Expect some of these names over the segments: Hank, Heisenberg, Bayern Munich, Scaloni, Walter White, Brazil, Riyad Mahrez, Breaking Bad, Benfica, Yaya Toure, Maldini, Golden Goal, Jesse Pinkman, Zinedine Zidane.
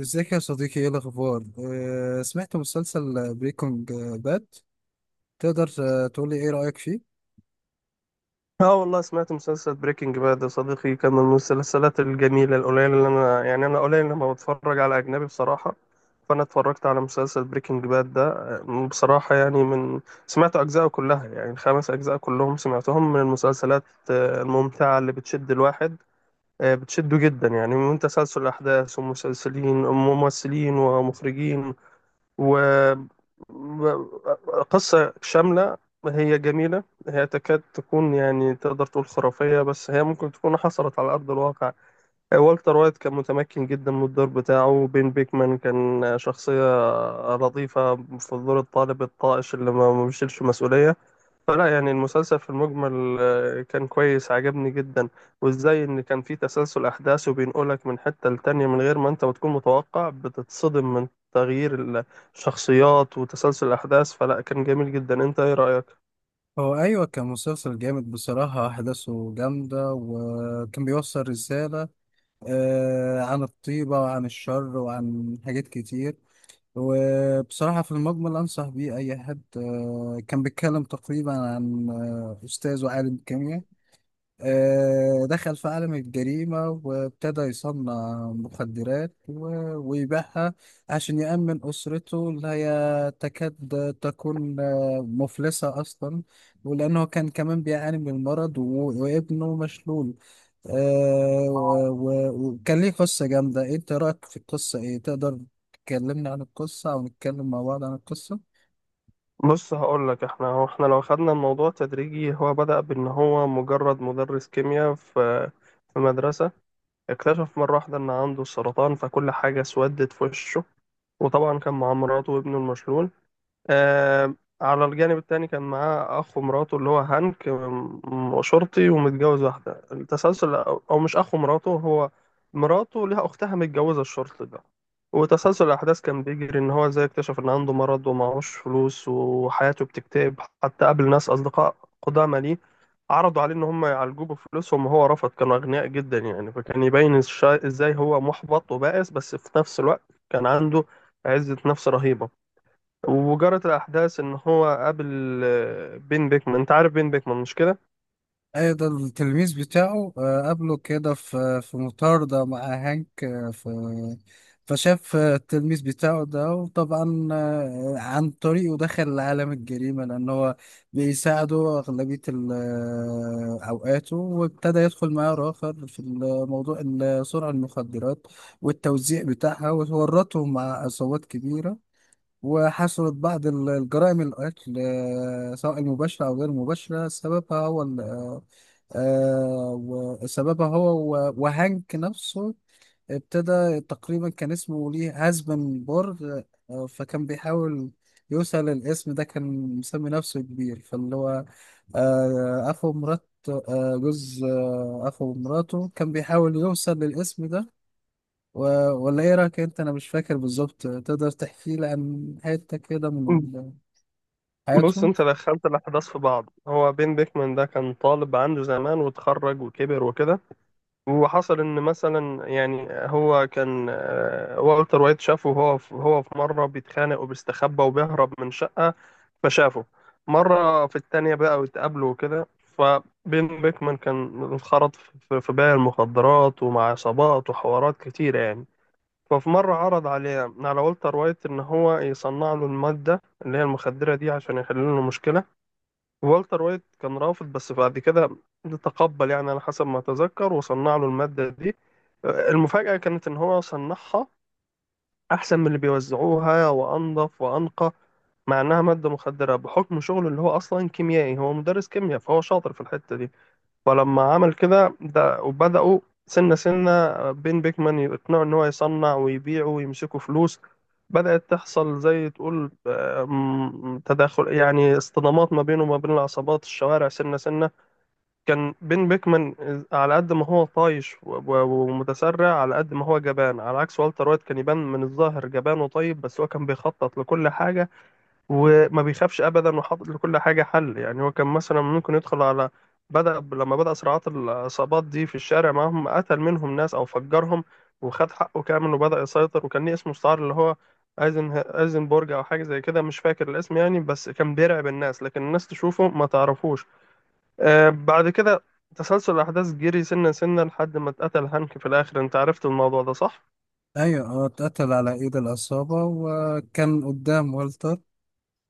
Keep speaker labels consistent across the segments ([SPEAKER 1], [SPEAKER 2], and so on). [SPEAKER 1] ازيك يا صديقي، ايه الاخبار؟ سمعت مسلسل بريكنج باد. تقدر تقولي ايه رأيك فيه؟
[SPEAKER 2] اه والله سمعت مسلسل بريكنج باد يا صديقي، كان من المسلسلات الجميلة القليلة اللي أنا قليل لما بتفرج على أجنبي بصراحة. فأنا اتفرجت على مسلسل بريكنج باد ده. بصراحة يعني من سمعت أجزاءه كلها، يعني الخمس أجزاء كلهم سمعتهم. من المسلسلات الممتعة اللي بتشد الواحد، بتشده جدا، يعني من تسلسل الأحداث ومسلسلين وممثلين ومخرجين وقصة شاملة. هي جميلة، هي تكاد تكون يعني تقدر تقول خرافية، بس هي ممكن تكون حصلت على أرض الواقع. والتر وايت كان متمكن جدا من الدور بتاعه. بين بيكمان كان شخصية لطيفة في دور الطالب الطائش اللي ما بيشيلش مسؤولية. فلا يعني المسلسل في المجمل كان كويس، عجبني جدا. وازاي ان كان في تسلسل احداث وبينقلك من حتة لتانية من غير ما انت بتكون متوقع، بتتصدم من تغيير الشخصيات وتسلسل الاحداث. فلا كان جميل جدا. انت ايه رأيك؟
[SPEAKER 1] هو ايوه، كان مسلسل جامد بصراحة، احداثه جامدة وكان بيوصل رسالة عن الطيبة وعن الشر وعن حاجات كتير. وبصراحة في المجمل أنصح بيه أي حد. كان بيتكلم تقريبا عن أستاذ وعالم كيمياء، دخل في عالم الجريمة وابتدى يصنع مخدرات ويبيعها عشان يأمن أسرته اللي هي تكاد تكون مفلسة أصلا، ولأنه كان كمان بيعاني من المرض وابنه مشلول، وكان ليه قصة جامدة. إيه أنت رأيك في القصة؟ إيه تقدر تكلمني عن القصة أو نتكلم مع بعض عن القصة؟
[SPEAKER 2] بص هقول لك، احنا لو خدنا الموضوع تدريجي، هو بدأ بان هو مجرد مدرس كيمياء في مدرسة. اكتشف مرة واحدة ان عنده سرطان، فكل حاجة اسودت في وشه. وطبعا كان مع مراته وابنه المشلول. آه على الجانب التاني كان معاه أخ ومراته اللي هو هانك، شرطي ومتجوز واحدة. التسلسل، أو مش أخ ومراته، هو مراته ليها أختها متجوزة الشرطي ده. وتسلسل الأحداث كان بيجري إن هو إزاي اكتشف إن عنده مرض ومعهوش فلوس وحياته بتكتئب، حتى قابل ناس أصدقاء قدامى ليه عرضوا عليه إن هم يعالجوه بفلوسهم وهو رفض، كانوا أغنياء جدا يعني. فكان يبين إزاي هو محبط وبائس، بس في نفس الوقت كان عنده عزة نفس رهيبة. وجرت الأحداث إن هو قابل بين بيكمان. أنت عارف بين بيكمان مش كده؟
[SPEAKER 1] ايوه، ده التلميذ بتاعه، قابله كده في مطاردة مع هانك، آه، في فشاف التلميذ بتاعه ده، وطبعا عن طريقه دخل لعالم الجريمة لأن هو بيساعده أغلبية أوقاته، وابتدى يدخل معاه آخر في موضوع سرعة المخدرات والتوزيع بتاعها، وورطهم مع عصابات كبيرة. وحصلت بعض الجرائم القتل، سواء المباشرة أو غير المباشرة، سببها هو و- وهانك نفسه. ابتدى تقريبا كان اسمه ليه هازبنبرغ، فكان بيحاول يوصل الاسم ده، كان مسمي نفسه كبير، فاللي هو آه، أخو مرات آه، جوز آه، أخو مراته كان بيحاول يوصل للاسم ده. و... ولا ايه رايك انت، انا مش فاكر بالظبط، تقدر تحكي لي عن حته كده من
[SPEAKER 2] بص
[SPEAKER 1] حياتهم؟
[SPEAKER 2] أنت دخلت الأحداث في بعض. هو بين بيكمان ده كان طالب عنده زمان، واتخرج وكبر وكده. وحصل إن مثلا يعني هو كان والتر وايت شافه، هو في مرة بيتخانق وبيستخبى وبيهرب من شقة، فشافه. مرة في التانية بقى واتقابلوا وكده، فبين بيكمان كان انخرط في بيع المخدرات ومع عصابات وحوارات كتيرة يعني. ففي مرة عرض عليه على والتر وايت إن هو يصنع له المادة اللي هي المخدرة دي، عشان يحل له مشكلة. والتر وايت كان رافض، بس بعد كده تقبل يعني على حسب ما أتذكر، وصنع له المادة دي. المفاجأة كانت إن هو صنعها أحسن من اللي بيوزعوها وأنظف وأنقى، مع إنها مادة مخدرة. بحكم شغله اللي هو أصلا كيميائي، هو مدرس كيمياء، فهو شاطر في الحتة دي. فلما عمل كده ده وبدأوا، سنة سنة بين بيكمان يقنعوا إن هو يصنع ويبيع ويمسكوا فلوس. بدأت تحصل زي تقول تداخل، يعني اصطدامات ما بينه وما بين العصابات الشوارع. سنة سنة كان بين بيكمان على قد ما هو طايش ومتسرع، على قد ما هو جبان. على عكس والتر وايت كان يبان من الظاهر جبان وطيب، بس هو كان بيخطط لكل حاجة، وما بيخافش ابدا، وحاطط لكل حاجه حل. يعني هو كان مثلا ممكن يدخل على، لما بدأ صراعات العصابات دي في الشارع معاهم، قتل منهم ناس او فجرهم وخد حقه كامل، وبدأ يسيطر. وكان ليه اسم مستعار اللي هو ايزنبرج او حاجه زي كده، مش فاكر الاسم يعني. بس كان بيرعب الناس، لكن الناس تشوفه ما تعرفوش. بعد كده تسلسل الاحداث جري سنه سنه لحد ما اتقتل هانك في الاخر. انت عرفت الموضوع ده صح؟
[SPEAKER 1] ايوه، هو اتقتل على ايد العصابه وكان قدام والتر.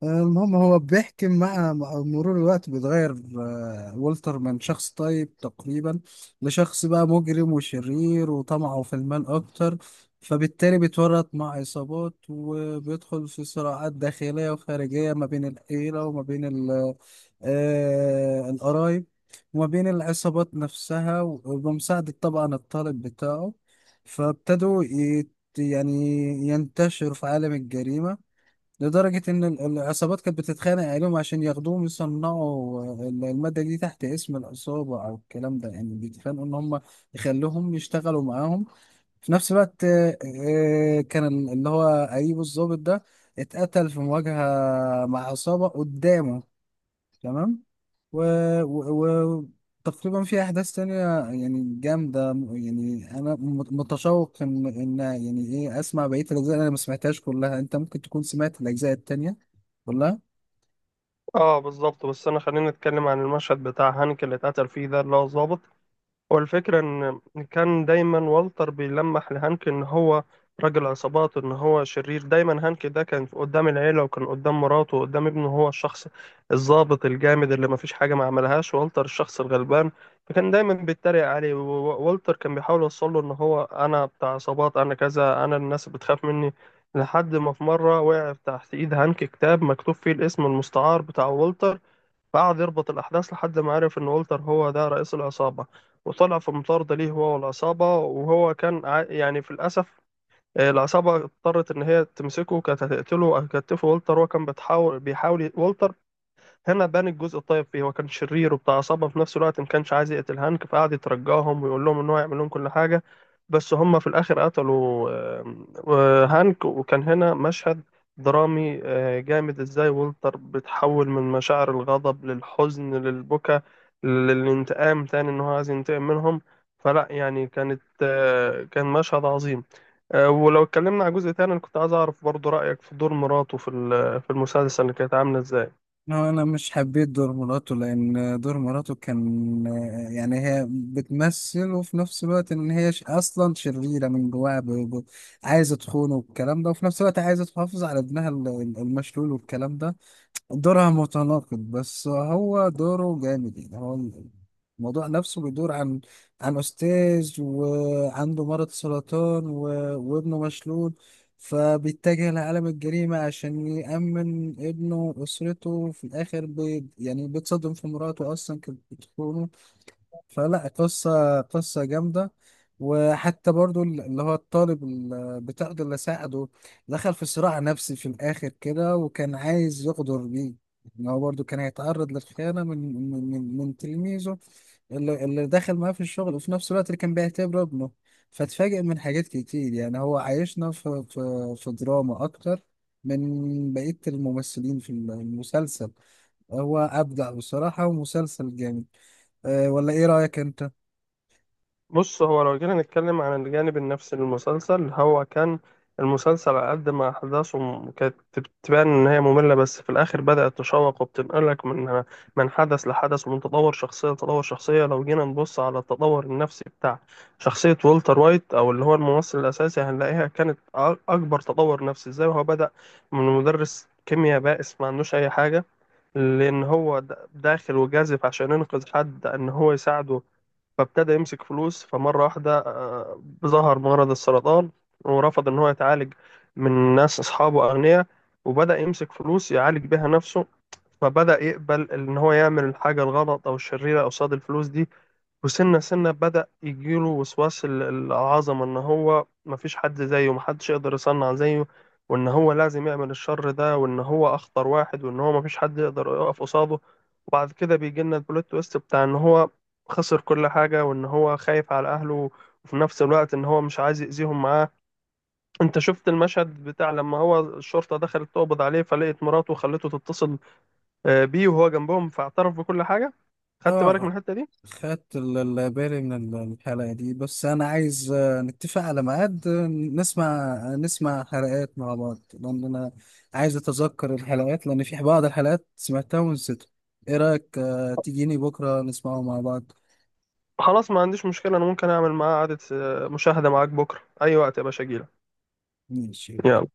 [SPEAKER 1] المهم، هو بيحكي مع مرور الوقت بيتغير. والتر من شخص طيب تقريبا لشخص بقى مجرم وشرير وطمعه في المال أكتر، فبالتالي بيتورط مع عصابات وبيدخل في صراعات داخلية وخارجية ما بين العيلة وما بين القرايب، وما بين العصابات نفسها، وبمساعدة طبعا الطالب بتاعه، فابتدوا يعني ينتشر في عالم الجريمة، لدرجة إن العصابات كانت بتتخانق عليهم عشان ياخدوهم يصنعوا المادة دي تحت اسم العصابة أو الكلام ده، يعني بيتخانقوا إن هم يخلوهم يشتغلوا معاهم. في نفس الوقت كان اللي هو قريبه الضابط ده اتقتل في مواجهة مع عصابة قدامه. تمام. و... و... و... تقريبا في احداث تانية، يعني جامدة، يعني انا متشوق ان يعني ايه اسمع بقية الاجزاء اللي انا ما سمعتهاش كلها. انت ممكن تكون سمعت الاجزاء التانية كلها؟
[SPEAKER 2] اه بالظبط. بس انا خلينا نتكلم عن المشهد بتاع هانك اللي اتقتل فيه ده، اللي هو الضابط. والفكرة إن كان دايما والتر بيلمح لهانك إن هو راجل عصابات، إن هو شرير. دايما هانك ده كان قدام العيلة وكان قدام مراته وقدام ابنه هو الشخص الضابط الجامد اللي مفيش حاجة ما عملهاش، والتر الشخص الغلبان. فكان دايما بيتريق عليه، ووالتر كان بيحاول يوصله إن هو أنا بتاع عصابات، أنا كذا، أنا الناس بتخاف مني. لحد ما في مرة وقع تحت إيد هانك كتاب مكتوب فيه الاسم المستعار بتاع والتر، فقعد يربط الأحداث لحد ما عرف إن والتر هو ده رئيس العصابة. وطلع في مطاردة ليه، هو والعصابة. وهو كان يعني في الأسف، العصابة اضطرت إن هي تمسكه، كانت هتقتله وهتكتفه. والتر هو كان بيحاول. والتر هنا بان الجزء الطيب فيه، هو كان شرير وبتاع عصابة، في نفس الوقت ما كانش عايز يقتل هانك، فقعد يترجاهم ويقول لهم ان هو يعمل لهم كل حاجة. بس هم في الاخر قتلوا هانك. وكان هنا مشهد درامي جامد، ازاي والتر بتحول من مشاعر الغضب للحزن للبكا للانتقام تاني، ان هو عايز ينتقم منهم. فلا يعني كان مشهد عظيم. ولو اتكلمنا على جزء تاني، انا كنت عايز اعرف برضو رأيك في دور مراته في المسلسل اللي كانت عاملة ازاي.
[SPEAKER 1] هو انا مش حبيت دور مراته، لان دور مراته كان، يعني هي بتمثل، وفي نفس الوقت ان هي اصلا شريرة من جواها، عايزة تخونه والكلام ده، وفي نفس الوقت عايزة تحافظ على ابنها المشلول والكلام ده. دورها متناقض، بس هو دوره جامد، يعني هو الموضوع نفسه بيدور عن أستاذ وعنده مرض سرطان وابنه مشلول، فبيتجه لعالم الجريمة عشان يأمن ابنه وأسرته. في الآخر يعني بيتصدم في مراته أصلا كانت بتخونه. فلا، قصة قصة جامدة. وحتى برضو اللي هو الطالب بتاعه ده اللي ساعده، دخل في صراع نفسي في الآخر كده، وكان عايز يغدر بيه، إن هو برضو كان هيتعرض للخيانة من تلميذه، اللي دخل معاه في الشغل وفي نفس الوقت اللي كان بيعتبره ابنه. فاتفاجئ من حاجات كتير، يعني هو عايشنا في دراما أكتر من بقية الممثلين في المسلسل. هو أبدع بصراحة ومسلسل جامد. أه، ولا إيه رأيك أنت؟
[SPEAKER 2] بص هو لو جينا نتكلم عن الجانب النفسي للمسلسل، هو كان المسلسل على قد ما أحداثه كانت تبان إن هي مملة، بس في الآخر بدأت تشوق، وبتنقلك من حدث لحدث، ومن تطور شخصية لتطور شخصية. لو جينا نبص على التطور النفسي بتاع شخصية والتر وايت، أو اللي هو الممثل الأساسي، هنلاقيها كانت أكبر تطور نفسي. إزاي هو بدأ من مدرس كيمياء بائس ما عندوش أي حاجة، لأن هو داخل وجازف عشان ينقذ حد إن هو يساعده، فابتدى يمسك فلوس. فمرة واحدة ظهر مرض السرطان، ورفض إن هو يتعالج من ناس أصحابه أغنياء، وبدأ يمسك فلوس يعالج بيها نفسه. فبدأ يقبل إن هو يعمل الحاجة الغلط أو الشريرة قصاد الفلوس دي. وسنة سنة بدأ يجيله وسواس العظمة، إن هو مفيش حد زيه، محدش يقدر يصنع زيه، وإن هو لازم يعمل الشر ده، وإن هو أخطر واحد، وإن هو مفيش حد يقدر يقف قصاده. وبعد كده بيجي لنا البلوت تويست بتاع إن هو خسر كل حاجة، وإن هو خايف على أهله، وفي نفس الوقت إن هو مش عايز يأذيهم معاه. أنت شفت المشهد بتاع لما هو الشرطة دخلت تقبض عليه، فلقيت مراته وخلته تتصل بيه وهو جنبهم، فاعترف بكل حاجة. خدت بالك من
[SPEAKER 1] اه.
[SPEAKER 2] الحتة دي؟
[SPEAKER 1] خدت بالي من الحلقة دي، بس أنا عايز نتفق على ميعاد، نسمع حلقات مع بعض، لأن أنا عايز أتذكر الحلقات، لأن في بعض الحلقات سمعتها ونسيتها. إيه رأيك تجيني بكرة نسمعه مع بعض؟
[SPEAKER 2] خلاص، ما عنديش مشكلة. أنا ممكن أعمل معاه قعدة مشاهدة معاك بكرة أي وقت يا باشا، أجيلك.
[SPEAKER 1] ماشي.
[SPEAKER 2] يلا.